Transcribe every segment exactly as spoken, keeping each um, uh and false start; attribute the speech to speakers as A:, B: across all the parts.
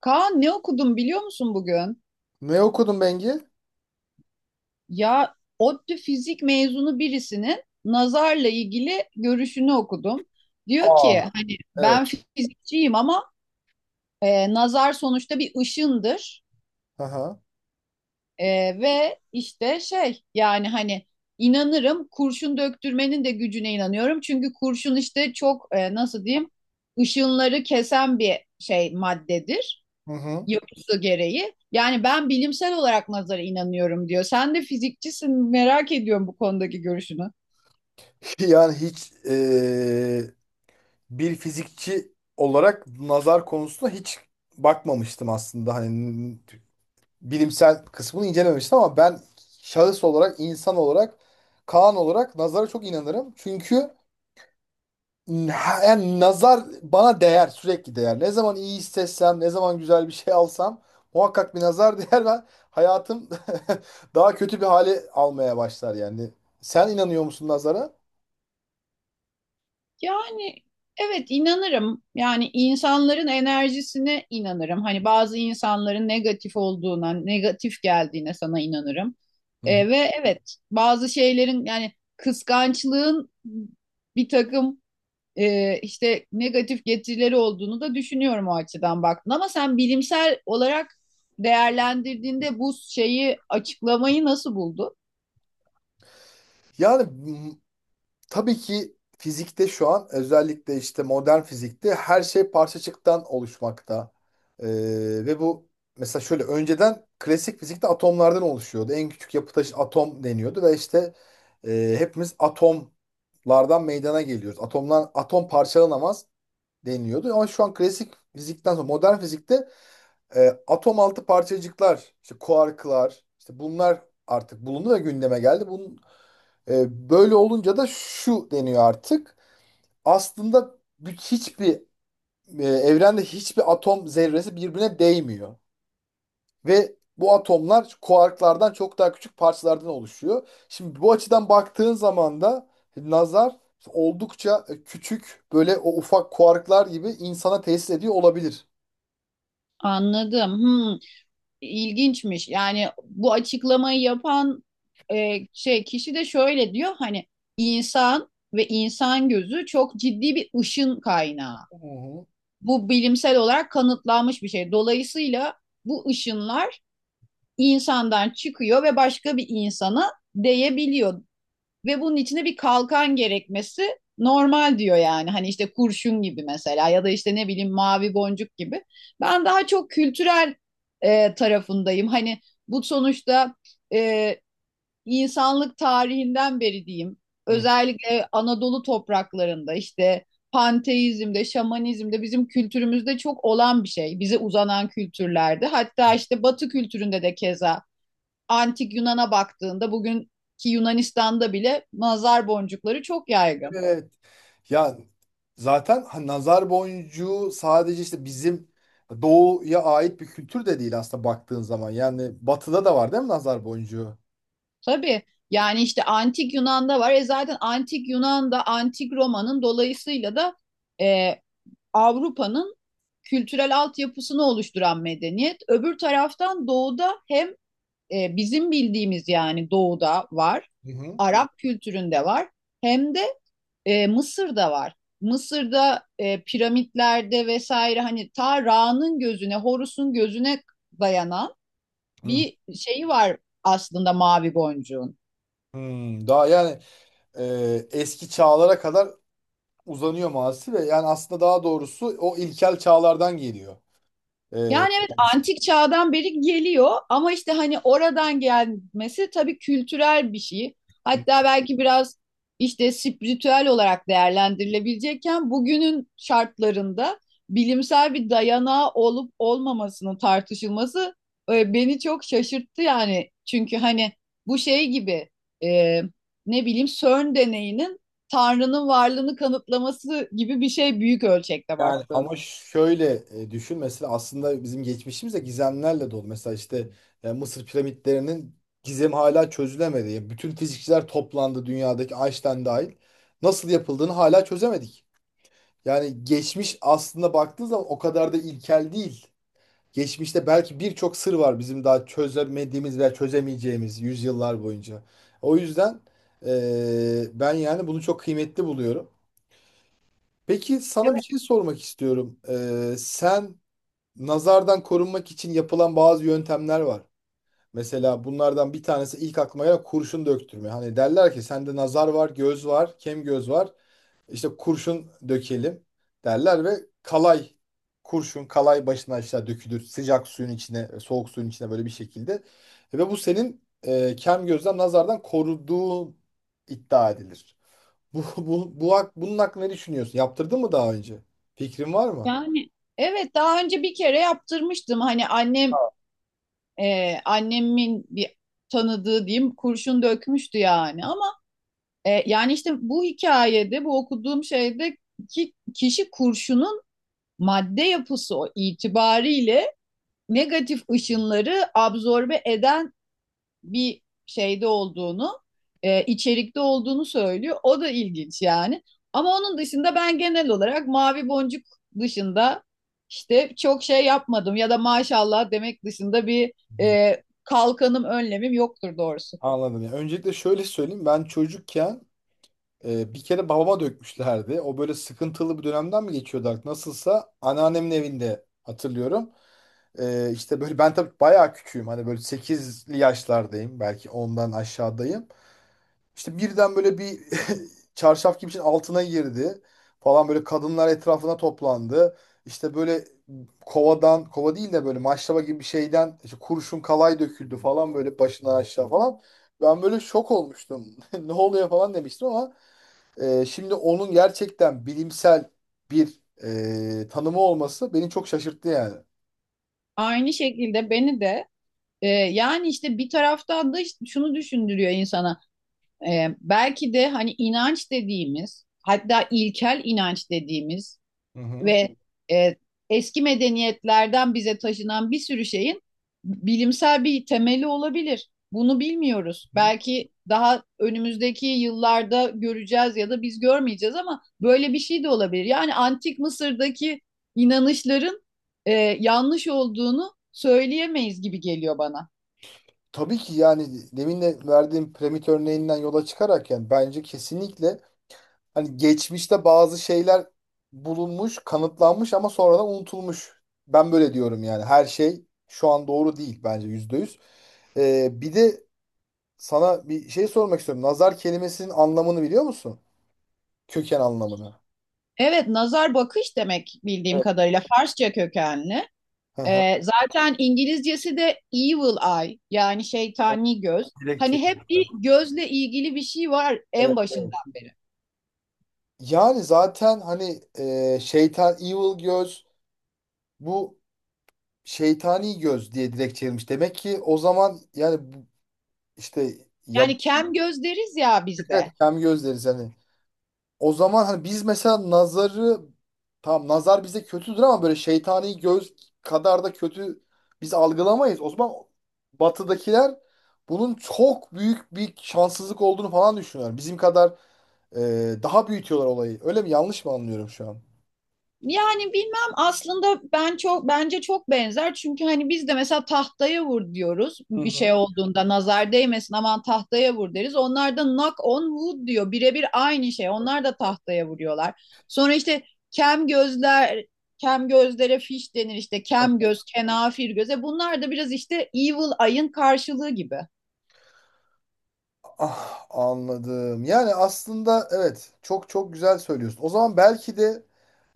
A: Kaan, ne okudum biliyor musun bugün?
B: Ne okudun Bengi?
A: Ya ODTÜ fizik mezunu birisinin nazarla ilgili görüşünü okudum. Diyor ki
B: Aa.
A: hani
B: Evet.
A: ben fizikçiyim ama e, nazar sonuçta bir ışındır.
B: Aha.
A: E, Ve işte şey, yani hani inanırım, kurşun döktürmenin de gücüne inanıyorum. Çünkü kurşun işte çok e, nasıl diyeyim, ışınları kesen bir şey maddedir.
B: Hı hı.
A: Yapısı gereği. Yani ben bilimsel olarak nazara inanıyorum diyor. Sen de fizikçisin, merak ediyorum bu konudaki görüşünü.
B: Yani hiç eee, bir fizikçi olarak nazar konusuna hiç bakmamıştım aslında. Hani bilimsel kısmını incelememiştim ama ben şahıs olarak, insan olarak, Kaan olarak nazara çok inanırım. Çünkü ha, yani nazar bana değer, sürekli değer. Ne zaman iyi hissetsem, ne zaman güzel bir şey alsam muhakkak bir nazar değer ve hayatım daha kötü bir hale almaya başlar yani. Sen inanıyor musun nazara?
A: Yani evet, inanırım. Yani insanların enerjisine inanırım. Hani bazı insanların negatif olduğuna, negatif geldiğine sana inanırım.
B: Hı hı.
A: E, ve evet, bazı şeylerin yani kıskançlığın bir takım e, işte negatif getirileri olduğunu da düşünüyorum, o açıdan baktın. Ama sen bilimsel olarak değerlendirdiğinde bu şeyi açıklamayı nasıl buldun?
B: Yani tabii ki fizikte şu an özellikle işte modern fizikte her şey parçacıktan oluşmakta. Ee, ve bu, mesela şöyle, önceden klasik fizikte atomlardan oluşuyordu. En küçük yapı taşı atom deniyordu ve işte e, hepimiz atomlardan meydana geliyoruz. Atomlar, atom parçalanamaz deniyordu. Ama şu an klasik fizikten sonra modern fizikte e, atom altı parçacıklar, işte kuarklar, işte bunlar artık bulundu ve gündeme geldi. Bunun e, böyle olunca da şu deniyor artık. Aslında bir- hiçbir e, evrende hiçbir atom zerresi birbirine değmiyor. Ve bu atomlar kuarklardan çok daha küçük parçalardan oluşuyor. Şimdi bu açıdan baktığın zaman da nazar oldukça e, küçük, böyle o ufak kuarklar gibi insana tesis ediyor olabilir.
A: Anladım. Hmm, ilginçmiş. Yani bu açıklamayı yapan e, şey kişi de şöyle diyor: hani insan ve insan gözü çok ciddi bir ışın kaynağı.
B: Hı hı.
A: Bu bilimsel olarak kanıtlanmış bir şey. Dolayısıyla bu ışınlar insandan çıkıyor ve başka bir insana değebiliyor. Ve bunun içine bir kalkan gerekmesi normal diyor yani. Hani işte kurşun gibi mesela, ya da işte ne bileyim mavi boncuk gibi. Ben daha çok kültürel e, tarafındayım. Hani bu sonuçta e, insanlık tarihinden beri diyeyim.
B: Hı.
A: Özellikle Anadolu topraklarında işte panteizmde, şamanizmde, bizim kültürümüzde çok olan bir şey. Bize uzanan kültürlerde. Hatta işte Batı kültüründe de keza antik Yunan'a baktığında bugünkü Yunanistan'da bile nazar boncukları çok yaygın.
B: Evet. Ya zaten hani nazar boncuğu sadece işte bizim doğuya ait bir kültür de değil aslında baktığın zaman. Yani batıda da var değil mi nazar boncuğu?
A: Tabii, yani işte antik Yunan'da var. E zaten antik Yunan'da, antik Roma'nın dolayısıyla da e, Avrupa'nın kültürel altyapısını oluşturan medeniyet. Öbür taraftan doğuda hem e, bizim bildiğimiz, yani doğuda var,
B: Hı hı.
A: Arap kültüründe var, hem de E, Mısır'da var. Mısır'da e, piramitlerde vesaire, hani ta Ra'nın gözüne, Horus'un gözüne dayanan
B: Hı.
A: bir şeyi var aslında mavi boncuğun.
B: Hmm, daha yani e, eski çağlara kadar uzanıyor maalesef ve yani aslında daha doğrusu o ilkel çağlardan geliyor. E,
A: Yani evet, antik çağdan beri geliyor ama işte hani oradan gelmesi tabii kültürel bir şey. Hatta belki biraz işte spiritüel olarak değerlendirilebilecekken bugünün şartlarında bilimsel bir dayanağı olup olmamasının tartışılması e, beni çok şaşırttı yani. Çünkü hani bu şey gibi, e, ne bileyim CERN deneyinin Tanrı'nın varlığını kanıtlaması gibi bir şey büyük ölçekte
B: Yani
A: baktığında.
B: ama şöyle e, düşün mesela, aslında bizim geçmişimiz de gizemlerle dolu. Mesela işte e, Mısır piramitlerinin gizemi hala çözülemedi. Yani bütün fizikçiler toplandı dünyadaki, Einstein dahil. Nasıl yapıldığını hala çözemedik. Yani geçmiş aslında baktığınız zaman o kadar da ilkel değil. Geçmişte belki birçok sır var bizim daha çözemediğimiz veya çözemeyeceğimiz yüzyıllar boyunca. O yüzden e, ben yani bunu çok kıymetli buluyorum. Peki sana bir şey sormak istiyorum. Ee, sen nazardan korunmak için yapılan bazı yöntemler var. Mesela bunlardan bir tanesi ilk aklıma gelen kurşun döktürme. Hani derler ki sende nazar var, göz var, kem göz var. İşte kurşun dökelim derler ve kalay, kurşun kalay başına aşağı dökülür. Sıcak suyun içine, soğuk suyun içine, böyle bir şekilde. Ve bu senin e, kem gözden, nazardan koruduğu iddia edilir. Bu, bu, bu, hak- bunun hakkında ne düşünüyorsun? Yaptırdın mı daha önce? Fikrin var mı?
A: Yani evet, daha önce bir kere yaptırmıştım. Hani annem, e, annemin bir tanıdığı diyeyim, kurşun dökmüştü yani. Ama e, yani işte bu hikayede, bu okuduğum şeyde ki kişi kurşunun madde yapısı o itibariyle negatif ışınları absorbe eden bir şeyde olduğunu, e, içerikte olduğunu söylüyor. O da ilginç yani. Ama onun dışında ben genel olarak Mavi Boncuk dışında işte çok şey yapmadım, ya da maşallah demek dışında bir e, kalkanım, önlemim yoktur doğrusu.
B: Anladım ya. Öncelikle şöyle söyleyeyim. Ben çocukken e, bir kere babama dökmüşlerdi. O böyle sıkıntılı bir dönemden mi geçiyordu artık? Nasılsa anneannemin evinde hatırlıyorum. E, işte böyle ben tabii bayağı küçüğüm. Hani böyle sekizli yaşlardayım. Belki ondan aşağıdayım. İşte birden böyle bir çarşaf gibi bir şeyin altına girdi falan, böyle kadınlar etrafına toplandı. İşte böyle kovadan, kova değil de böyle maşraba gibi bir şeyden işte kurşun kalay döküldü falan, böyle başından aşağı falan. Ben böyle şok olmuştum. Ne oluyor falan demiştim ama e, şimdi onun gerçekten bilimsel bir e, tanımı olması beni çok şaşırttı yani.
A: Aynı şekilde beni de e, yani işte bir taraftan da işte şunu düşündürüyor insana. E, belki de hani inanç dediğimiz, hatta ilkel inanç dediğimiz
B: Hı hı.
A: ve e, eski medeniyetlerden bize taşınan bir sürü şeyin bilimsel bir temeli olabilir. Bunu bilmiyoruz.
B: Hı.
A: Belki daha önümüzdeki yıllarda göreceğiz ya da biz görmeyeceğiz, ama böyle bir şey de olabilir. Yani antik Mısır'daki inanışların e, yanlış olduğunu söyleyemeyiz gibi geliyor bana.
B: Tabii ki, yani demin de verdiğim piramit örneğinden yola çıkarak yani bence kesinlikle hani geçmişte bazı şeyler bulunmuş, kanıtlanmış ama sonradan unutulmuş. Ben böyle diyorum yani. Her şey şu an doğru değil bence yüzde yüz. Ee, bir de sana bir şey sormak istiyorum. Nazar kelimesinin anlamını biliyor musun? Köken anlamını.
A: Evet, nazar bakış demek bildiğim
B: Evet.
A: kadarıyla, Farsça kökenli.
B: Hı hı.
A: Ee, zaten İngilizcesi de evil eye, yani şeytani göz.
B: Direkt
A: Hani hep bir
B: çeviriyorlar.
A: gözle ilgili bir şey var en
B: Evet, evet.
A: başından beri.
B: Yani zaten hani e, şeytan, evil göz, bu şeytani göz diye direkt çevirmiş. Demek ki o zaman yani bu- işte ya,
A: Yani kem göz deriz ya
B: evet,
A: bizde.
B: kem göz deriz hani. O zaman hani biz mesela nazarı, tamam nazar bize kötüdür ama böyle şeytani göz kadar da kötü biz algılamayız. O zaman batıdakiler bunun çok büyük bir şanssızlık olduğunu falan düşünüyorlar. Bizim kadar e, daha büyütüyorlar olayı. Öyle mi? Yanlış mı anlıyorum şu an?
A: Yani bilmem aslında ben çok, bence çok benzer. Çünkü hani biz de mesela tahtaya vur diyoruz
B: Hı
A: bir şey
B: hı.
A: olduğunda, nazar değmesin aman tahtaya vur deriz. Onlar da knock on wood diyor, birebir aynı şey, onlar da tahtaya vuruyorlar. Sonra işte kem gözler, kem gözlere fiş denir, işte kem göz kenafir göze, bunlar da biraz işte evil eye'ın karşılığı gibi.
B: Ah, anladım. Yani aslında evet, çok çok güzel söylüyorsun. O zaman belki de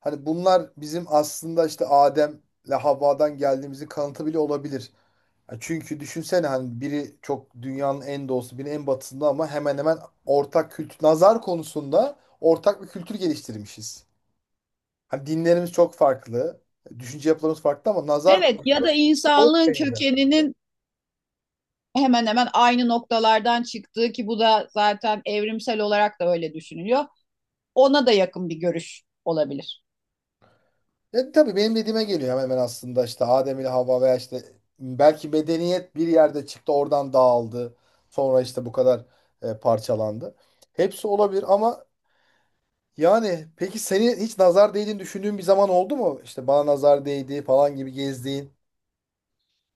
B: hani bunlar bizim aslında işte Adem'le Havva'dan geldiğimizin kanıtı bile olabilir. Ya çünkü düşünsene, hani biri çok dünyanın en doğusu, biri en batısında ama hemen hemen ortak kültür, nazar konusunda ortak bir kültür geliştirmişiz. Hani dinlerimiz çok farklı, düşünce yapılarımız farklı ama nazar
A: Evet, ya da
B: çok
A: insanlığın
B: benzer.
A: kökeninin hemen hemen aynı noktalardan çıktığı, ki bu da zaten evrimsel olarak da öyle düşünülüyor. Ona da yakın bir görüş olabilir.
B: Ya tabii benim dediğime geliyor hemen hemen, aslında işte Adem ile Havva veya işte belki medeniyet bir yerde çıktı, oradan dağıldı. Sonra işte bu kadar e, parçalandı. Hepsi olabilir ama yani peki seni hiç nazar değdiğini düşündüğün bir zaman oldu mu? İşte bana nazar değdi falan gibi gezdiğin.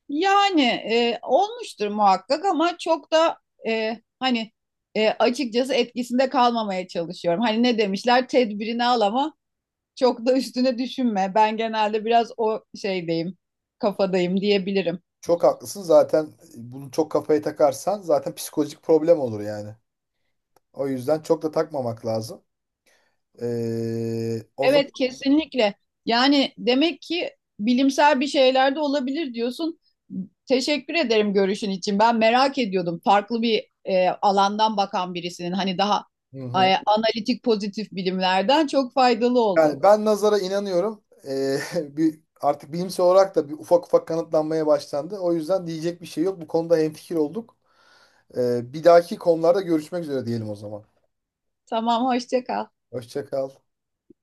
A: Yani e, olmuştur muhakkak, ama çok da e, hani e, açıkçası etkisinde kalmamaya çalışıyorum. Hani ne demişler, tedbirini al ama çok da üstüne düşünme. Ben genelde biraz o şeydeyim, kafadayım diyebilirim.
B: Çok haklısın. Zaten bunu çok kafaya takarsan zaten psikolojik problem olur yani. O yüzden çok da takmamak lazım. Ee, o zaman
A: Evet, kesinlikle. Yani demek ki bilimsel bir şeyler de olabilir diyorsun. Teşekkür ederim görüşün için. Ben merak ediyordum. Farklı bir e, alandan bakan birisinin, hani daha
B: hı
A: e,
B: hı.
A: analitik pozitif bilimlerden, çok faydalı oldu.
B: Yani ben nazara inanıyorum. Ee, bir artık bilimsel olarak da bir ufak ufak kanıtlanmaya başlandı. O yüzden diyecek bir şey yok. Bu konuda hemfikir olduk. Ee, bir dahaki konularda görüşmek üzere diyelim o zaman.
A: Tamam, hoşça kal.
B: Hoşça kal.